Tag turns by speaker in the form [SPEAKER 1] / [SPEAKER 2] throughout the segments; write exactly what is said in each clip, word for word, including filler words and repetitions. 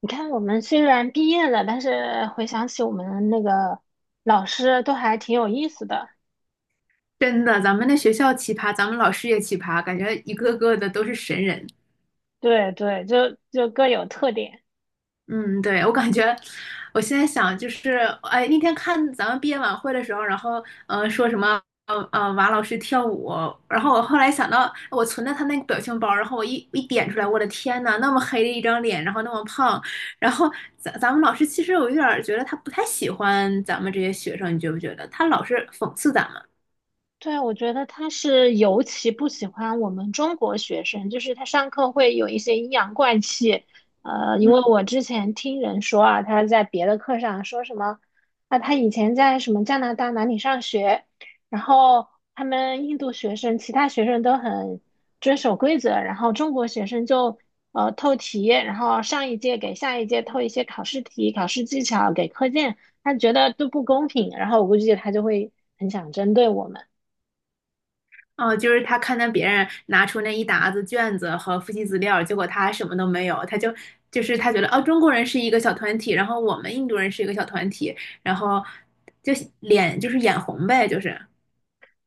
[SPEAKER 1] 你看，我们虽然毕业了，但是回想起我们那个老师都还挺有意思的。
[SPEAKER 2] 真的，咱们那学校奇葩，咱们老师也奇葩，感觉一个个的都是神人。
[SPEAKER 1] 对对，就就各有特点。
[SPEAKER 2] 嗯，对，我感觉，我现在想就是，哎，那天看咱们毕业晚会的时候，然后呃说什么呃呃马老师跳舞，然后我后来想到我存的他那个表情包，然后我一一点出来，我的天呐，那么黑的一张脸，然后那么胖，然后咱咱们老师其实我有点儿觉得他不太喜欢咱们这些学生，你觉不觉得？他老是讽刺咱们。
[SPEAKER 1] 对，我觉得他是尤其不喜欢我们中国学生，就是他上课会有一些阴阳怪气。呃，因
[SPEAKER 2] 嗯。
[SPEAKER 1] 为我之前听人说啊，他在别的课上说什么，啊，他以前在什么加拿大哪里上学，然后他们印度学生、其他学生都很遵守规则，然后中国学生就呃透题，然后上一届给下一届透一些考试题、考试技巧给课件，他觉得都不公平，然后我估计他就会很想针对我们。
[SPEAKER 2] 哦，就是他看到别人拿出那一沓子卷子和复习资料，结果他什么都没有，他就就是他觉得哦，中国人是一个小团体，然后我们印度人是一个小团体，然后就脸就是眼红呗，就是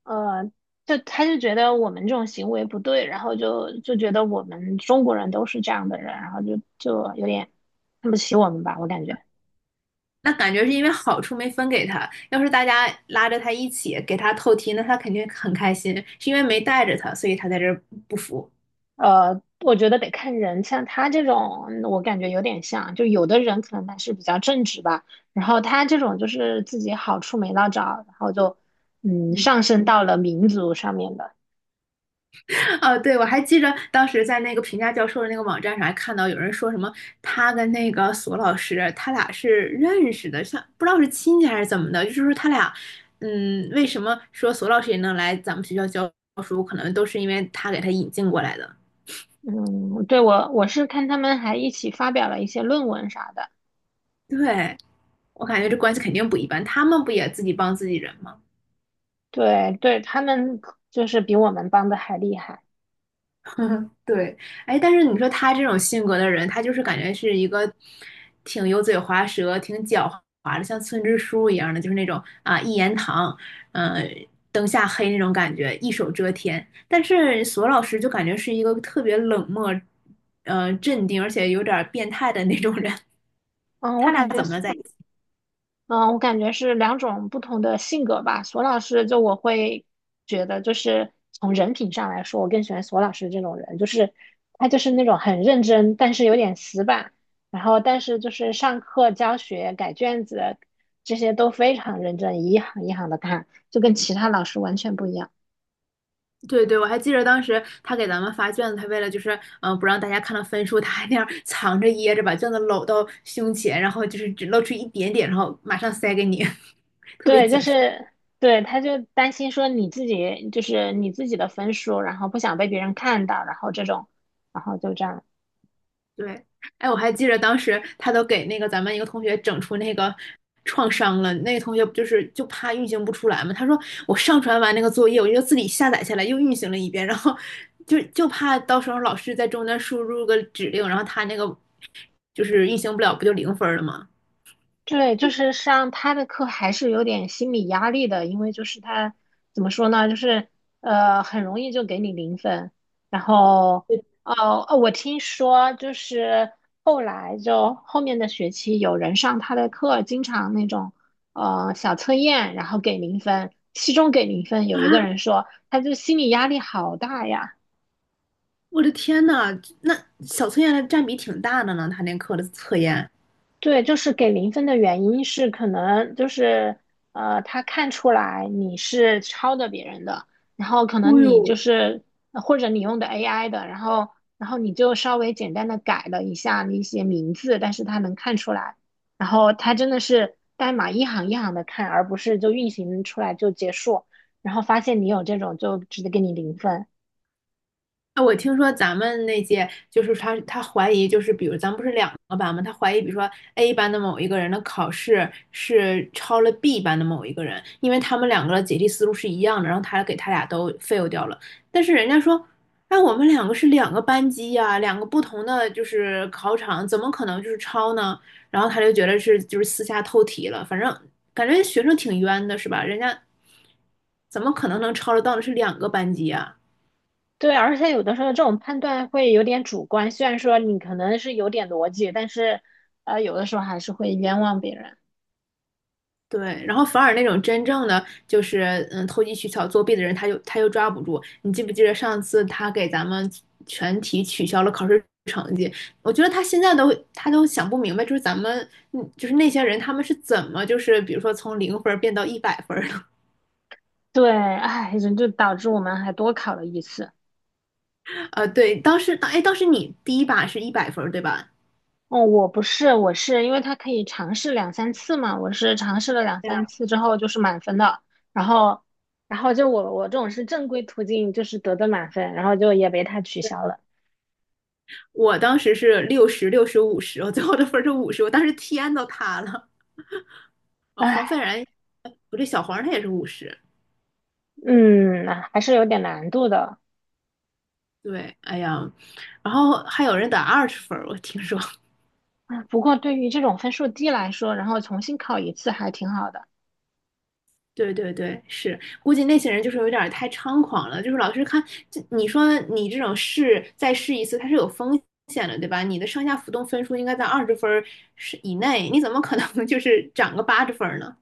[SPEAKER 1] 呃，就他就觉得我们这种行为不对，然后就就觉得我们中国人都是这样的人，然后就就有点看不起我们吧，我感觉。
[SPEAKER 2] 那感觉是因为好处没分给他，要是大家拉着他一起给他透题，那他肯定很开心，是因为没带着他，所以他在这儿不服。
[SPEAKER 1] 呃，我觉得得看人，像他这种，嗯我感觉有点像，就有的人可能他是比较正直吧，然后他这种就是自己好处没捞着，然后就嗯
[SPEAKER 2] 嗯。
[SPEAKER 1] 上升到了民族上面的。
[SPEAKER 2] 哦，对，我还记着当时在那个评价教授的那个网站上还看到有人说什么，他跟那个索老师，他俩是认识的，像不知道是亲戚还是怎么的，就是说他俩，嗯，为什么说索老师也能来咱们学校教书，可能都是因为他给他引进过来的。
[SPEAKER 1] 嗯，对，我我是看他们还一起发表了一些论文啥的，
[SPEAKER 2] 对，我感觉这关系肯定不一般，他们不也自己帮自己人吗？
[SPEAKER 1] 对对，他们就是比我们帮的还厉害。
[SPEAKER 2] 对，哎，但是你说他这种性格的人，他就是感觉是一个挺油嘴滑舌、挺狡猾的，像村支书一样的，就是那种啊一言堂，嗯，灯下黑那种感觉，一手遮天。但是索老师就感觉是一个特别冷漠、呃镇定，而且有点儿变态的那种人。
[SPEAKER 1] 嗯，我
[SPEAKER 2] 他俩
[SPEAKER 1] 感觉
[SPEAKER 2] 怎么
[SPEAKER 1] 是，
[SPEAKER 2] 了在？
[SPEAKER 1] 嗯，我感觉是两种不同的性格吧。索老师，就我会觉得，就是从人品上来说，我更喜欢索老师这种人，就是他就是那种很认真，但是有点死板，然后但是就是上课教学、改卷子这些都非常认真，一行一行的看，就跟其他老师完全不一样。
[SPEAKER 2] 对对，我还记得当时他给咱们发卷子，他为了就是嗯、呃不让大家看到分数，他还那样藏着掖着把卷子搂到胸前，然后就是只露出一点点，然后马上塞给你。
[SPEAKER 1] 对，就是对，他就担心说你自己就是你自己的分数，然后不想被别人看到，然后这种，然后就这样。
[SPEAKER 2] 对，哎，我还记得当时他都给那个咱们一个同学整出那个创伤了，那个同学不就是就怕运行不出来嘛？他说我上传完那个作业，我就自己下载下来又运行了一遍，然后就就怕到时候老师在中间输入个指令，然后他那个就是运行不了，不就零分了吗？
[SPEAKER 1] 对，就是上他的课还是有点心理压力的，因为就是他怎么说呢，就是呃很容易就给你零分，然后哦哦，我听说就是后来就后面的学期有人上他的课，经常那种呃小测验，然后给零分，期中给零分，有一个
[SPEAKER 2] 啊，
[SPEAKER 1] 人说他就心理压力好大呀。
[SPEAKER 2] 我的天呐，那小测验占比挺大的呢，他那课的测验。
[SPEAKER 1] 对，就是给零分的原因是可能就是呃，他看出来你是抄的别人的，然后可
[SPEAKER 2] 哦
[SPEAKER 1] 能你就
[SPEAKER 2] 呦，
[SPEAKER 1] 是呃或者你用的 A I 的，然后然后你就稍微简单的改了一下那些名字，但是他能看出来，然后他真的是代码一行一行的看，而不是就运行出来就结束，然后发现你有这种就直接给你零分。
[SPEAKER 2] 啊，我听说咱们那届就是他，他怀疑就是，比如咱们不是两个班吗？他怀疑，比如说 A 班的某一个人的考试是超了 B 班的某一个人，因为他们两个的解题思路是一样的，然后他给他俩都 fail 掉了。但是人家说，哎，我们两个是两个班级呀、两个不同的就是考场，怎么可能就是抄呢？然后他就觉得是就是私下透题了，反正感觉学生挺冤的，是吧？人家怎么可能能抄得到的是两个班级啊。
[SPEAKER 1] 对，而且有的时候这种判断会有点主观，虽然说你可能是有点逻辑，但是呃，有的时候还是会冤枉别人。
[SPEAKER 2] 对，然后反而那种真正的就是嗯投机取巧作弊的人，他又他又抓不住。你记不记得上次他给咱们全体取消了考试成绩？我觉得他现在都他都想不明白，就是咱们嗯就是那些人他们是怎么就是比如说从零分儿变到一百分儿的？
[SPEAKER 1] 对，哎，人就导致我们还多考了一次。
[SPEAKER 2] 呃，对，当时哎当时你第一把是一百分儿对吧？
[SPEAKER 1] 哦，我不是，我是因为他可以尝试两三次嘛，我是尝试了两
[SPEAKER 2] 对
[SPEAKER 1] 三
[SPEAKER 2] 呀，
[SPEAKER 1] 次之后就是满分的，然后，然后就我我这种是正规途径，就是得的满分，然后就也被他取
[SPEAKER 2] 对，
[SPEAKER 1] 消了。
[SPEAKER 2] 我当时是六十六十五十，我最后的分儿是五十，我当时天都塌了。呃，黄斐
[SPEAKER 1] 唉，
[SPEAKER 2] 然，呃不对，小黄他也是五十，
[SPEAKER 1] 嗯，还是有点难度的。
[SPEAKER 2] 对，哎呀，然后还有人打二十分儿，我听说。
[SPEAKER 1] 啊，不过对于这种分数低来说，然后重新考一次还挺好的。
[SPEAKER 2] 对对对，是，估计那些人就是有点儿太猖狂了，就是老师看，这你说你这种试再试一次，它是有风险的，对吧？你的上下浮动分数应该在二十分儿是以内，你怎么可能 就是涨个八十分儿呢？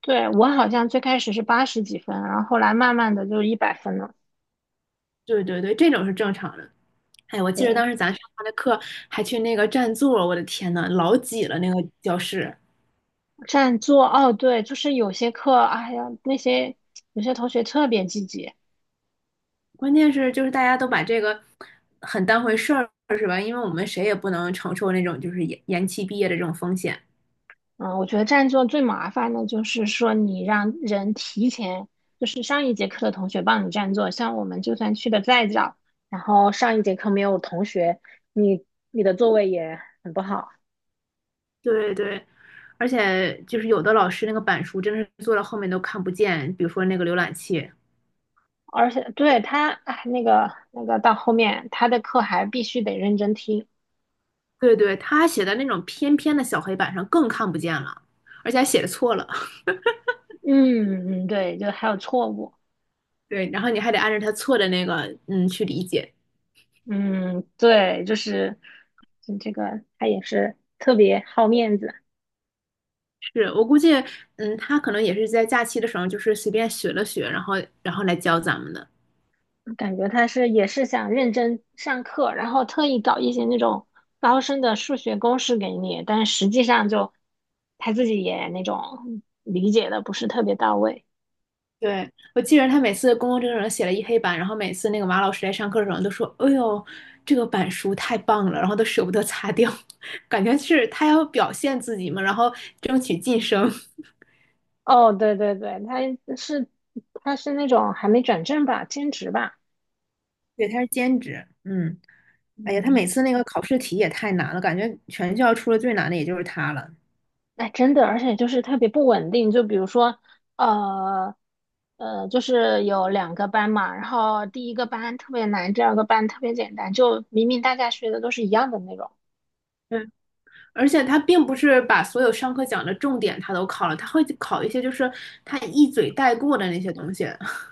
[SPEAKER 1] 对，我好像最开始是八十几分，然后后来慢慢的就一百分了。
[SPEAKER 2] 对对对，这种是正常的。哎，我记得
[SPEAKER 1] 对，
[SPEAKER 2] 当时咱上他的课还去那个占座儿我的天呐，老挤了那个教室。
[SPEAKER 1] 占座，哦，对，就是有些课，哎呀，那些有些同学特别积极。
[SPEAKER 2] 关键是就是大家都把这个很当回事儿，是吧？因为我们谁也不能承受那种就是延延期毕业的这种风险。
[SPEAKER 1] 嗯，我觉得占座最麻烦的就是说，你让人提前，就是上一节课的同学帮你占座，像我们就算去的再早，然后上一节课没有同学，你你的座位也很不好。
[SPEAKER 2] 对对，而且就是有的老师那个板书真的是做到后面都看不见，比如说那个浏览器，
[SPEAKER 1] 而且对他，哎，那个那个到后面他的课还必须得认真听，
[SPEAKER 2] 对对，他写在那种偏偏的小黑板上更看不见了，而且还写的错了。
[SPEAKER 1] 嗯嗯，对，就还有错误，
[SPEAKER 2] 对，然后你还得按照他错的那个嗯去理解。
[SPEAKER 1] 嗯，对，就是嗯这个他也是特别好面子，
[SPEAKER 2] 是我估计，嗯，他可能也是在假期的时候，就是随便学了学，然后然后来教咱们的。
[SPEAKER 1] 感觉他是也是想认真上课，然后特意搞一些那种高深的数学公式给你，但实际上就他自己也那种理解的不是特别到位。
[SPEAKER 2] 对，我记得他每次公共政策写了一黑板，然后每次那个马老师来上课的时候都说："哎呦，这个板书太棒了！"然后都舍不得擦掉，感觉是他要表现自己嘛，然后争取晋升。
[SPEAKER 1] 哦，对对对，他是他是那种还没转正吧，兼职吧，
[SPEAKER 2] 对，他是兼职，嗯，哎呀，他每
[SPEAKER 1] 嗯。
[SPEAKER 2] 次那个考试题也太难了，感觉全校出了最难的也就是他了。
[SPEAKER 1] 哎，真的，而且就是特别不稳定。就比如说，呃，呃，就是有两个班嘛，然后第一个班特别难，第二个班特别简单，就明明大家学的都是一样的内容，
[SPEAKER 2] 嗯，而且他并不是把所有上课讲的重点他都考了，他会考一些就是他一嘴带过的那些东西。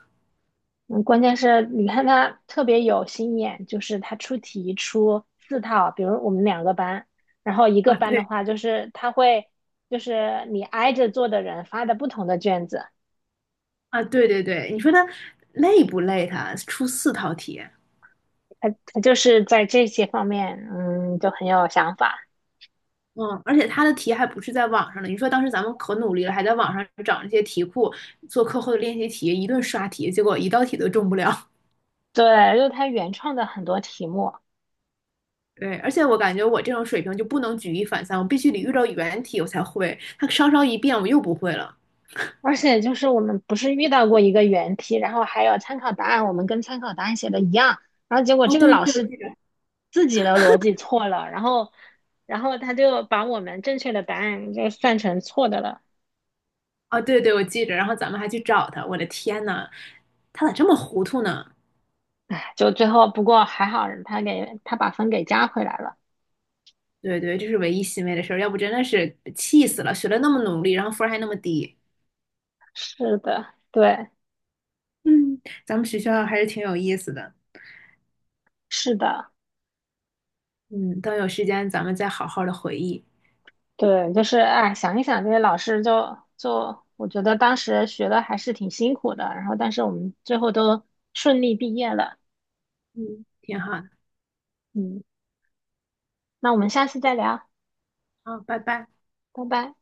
[SPEAKER 1] 嗯，关键是你看他特别有心眼，就是他出题出四套，比如我们两个班，然后一
[SPEAKER 2] 啊，
[SPEAKER 1] 个班的
[SPEAKER 2] 对，
[SPEAKER 1] 话，就是他会就是你挨着坐的人发的不同的卷子，
[SPEAKER 2] 啊，对对对，你说他累不累他？出四套题，
[SPEAKER 1] 他就是在这些方面，嗯，就很有想法。
[SPEAKER 2] 嗯，而且他的题还不是在网上的。你说当时咱们可努力了，还在网上找那些题库做课后的练习题，一顿刷题，结果一道题都中不了。
[SPEAKER 1] 对，就是他原创的很多题目。
[SPEAKER 2] 对，而且我感觉我这种水平就不能举一反三，我必须得遇到原题我才会。他稍稍一变，我又不会了。
[SPEAKER 1] 而且就是我们不是遇到过一个原题，然后还有参考答案，我们跟参考答案写的一样，然后结果
[SPEAKER 2] 哦，
[SPEAKER 1] 这个
[SPEAKER 2] 对对
[SPEAKER 1] 老
[SPEAKER 2] 对，我
[SPEAKER 1] 师
[SPEAKER 2] 记着。
[SPEAKER 1] 自己的逻辑错了，然后然后他就把我们正确的答案就算成错的了，
[SPEAKER 2] 哦，对对，我记着。然后咱们还去找他，我的天呐，他咋这么糊涂呢？
[SPEAKER 1] 就最后不过还好他给他把分给加回来了。
[SPEAKER 2] 对对，这是唯一欣慰的事儿，要不真的是气死了。学了那么努力，然后分儿还那么低。
[SPEAKER 1] 是的，对，
[SPEAKER 2] 嗯，咱们学校还是挺有意思的。
[SPEAKER 1] 是的，
[SPEAKER 2] 嗯，等有时间咱们再好好的回忆。
[SPEAKER 1] 对，就是哎，想一想这些老师就就我觉得当时学的还是挺辛苦的，然后但是我们最后都顺利毕业了，
[SPEAKER 2] 嗯，挺好的。
[SPEAKER 1] 嗯。那我们下次再聊，
[SPEAKER 2] 好，拜拜。
[SPEAKER 1] 拜拜。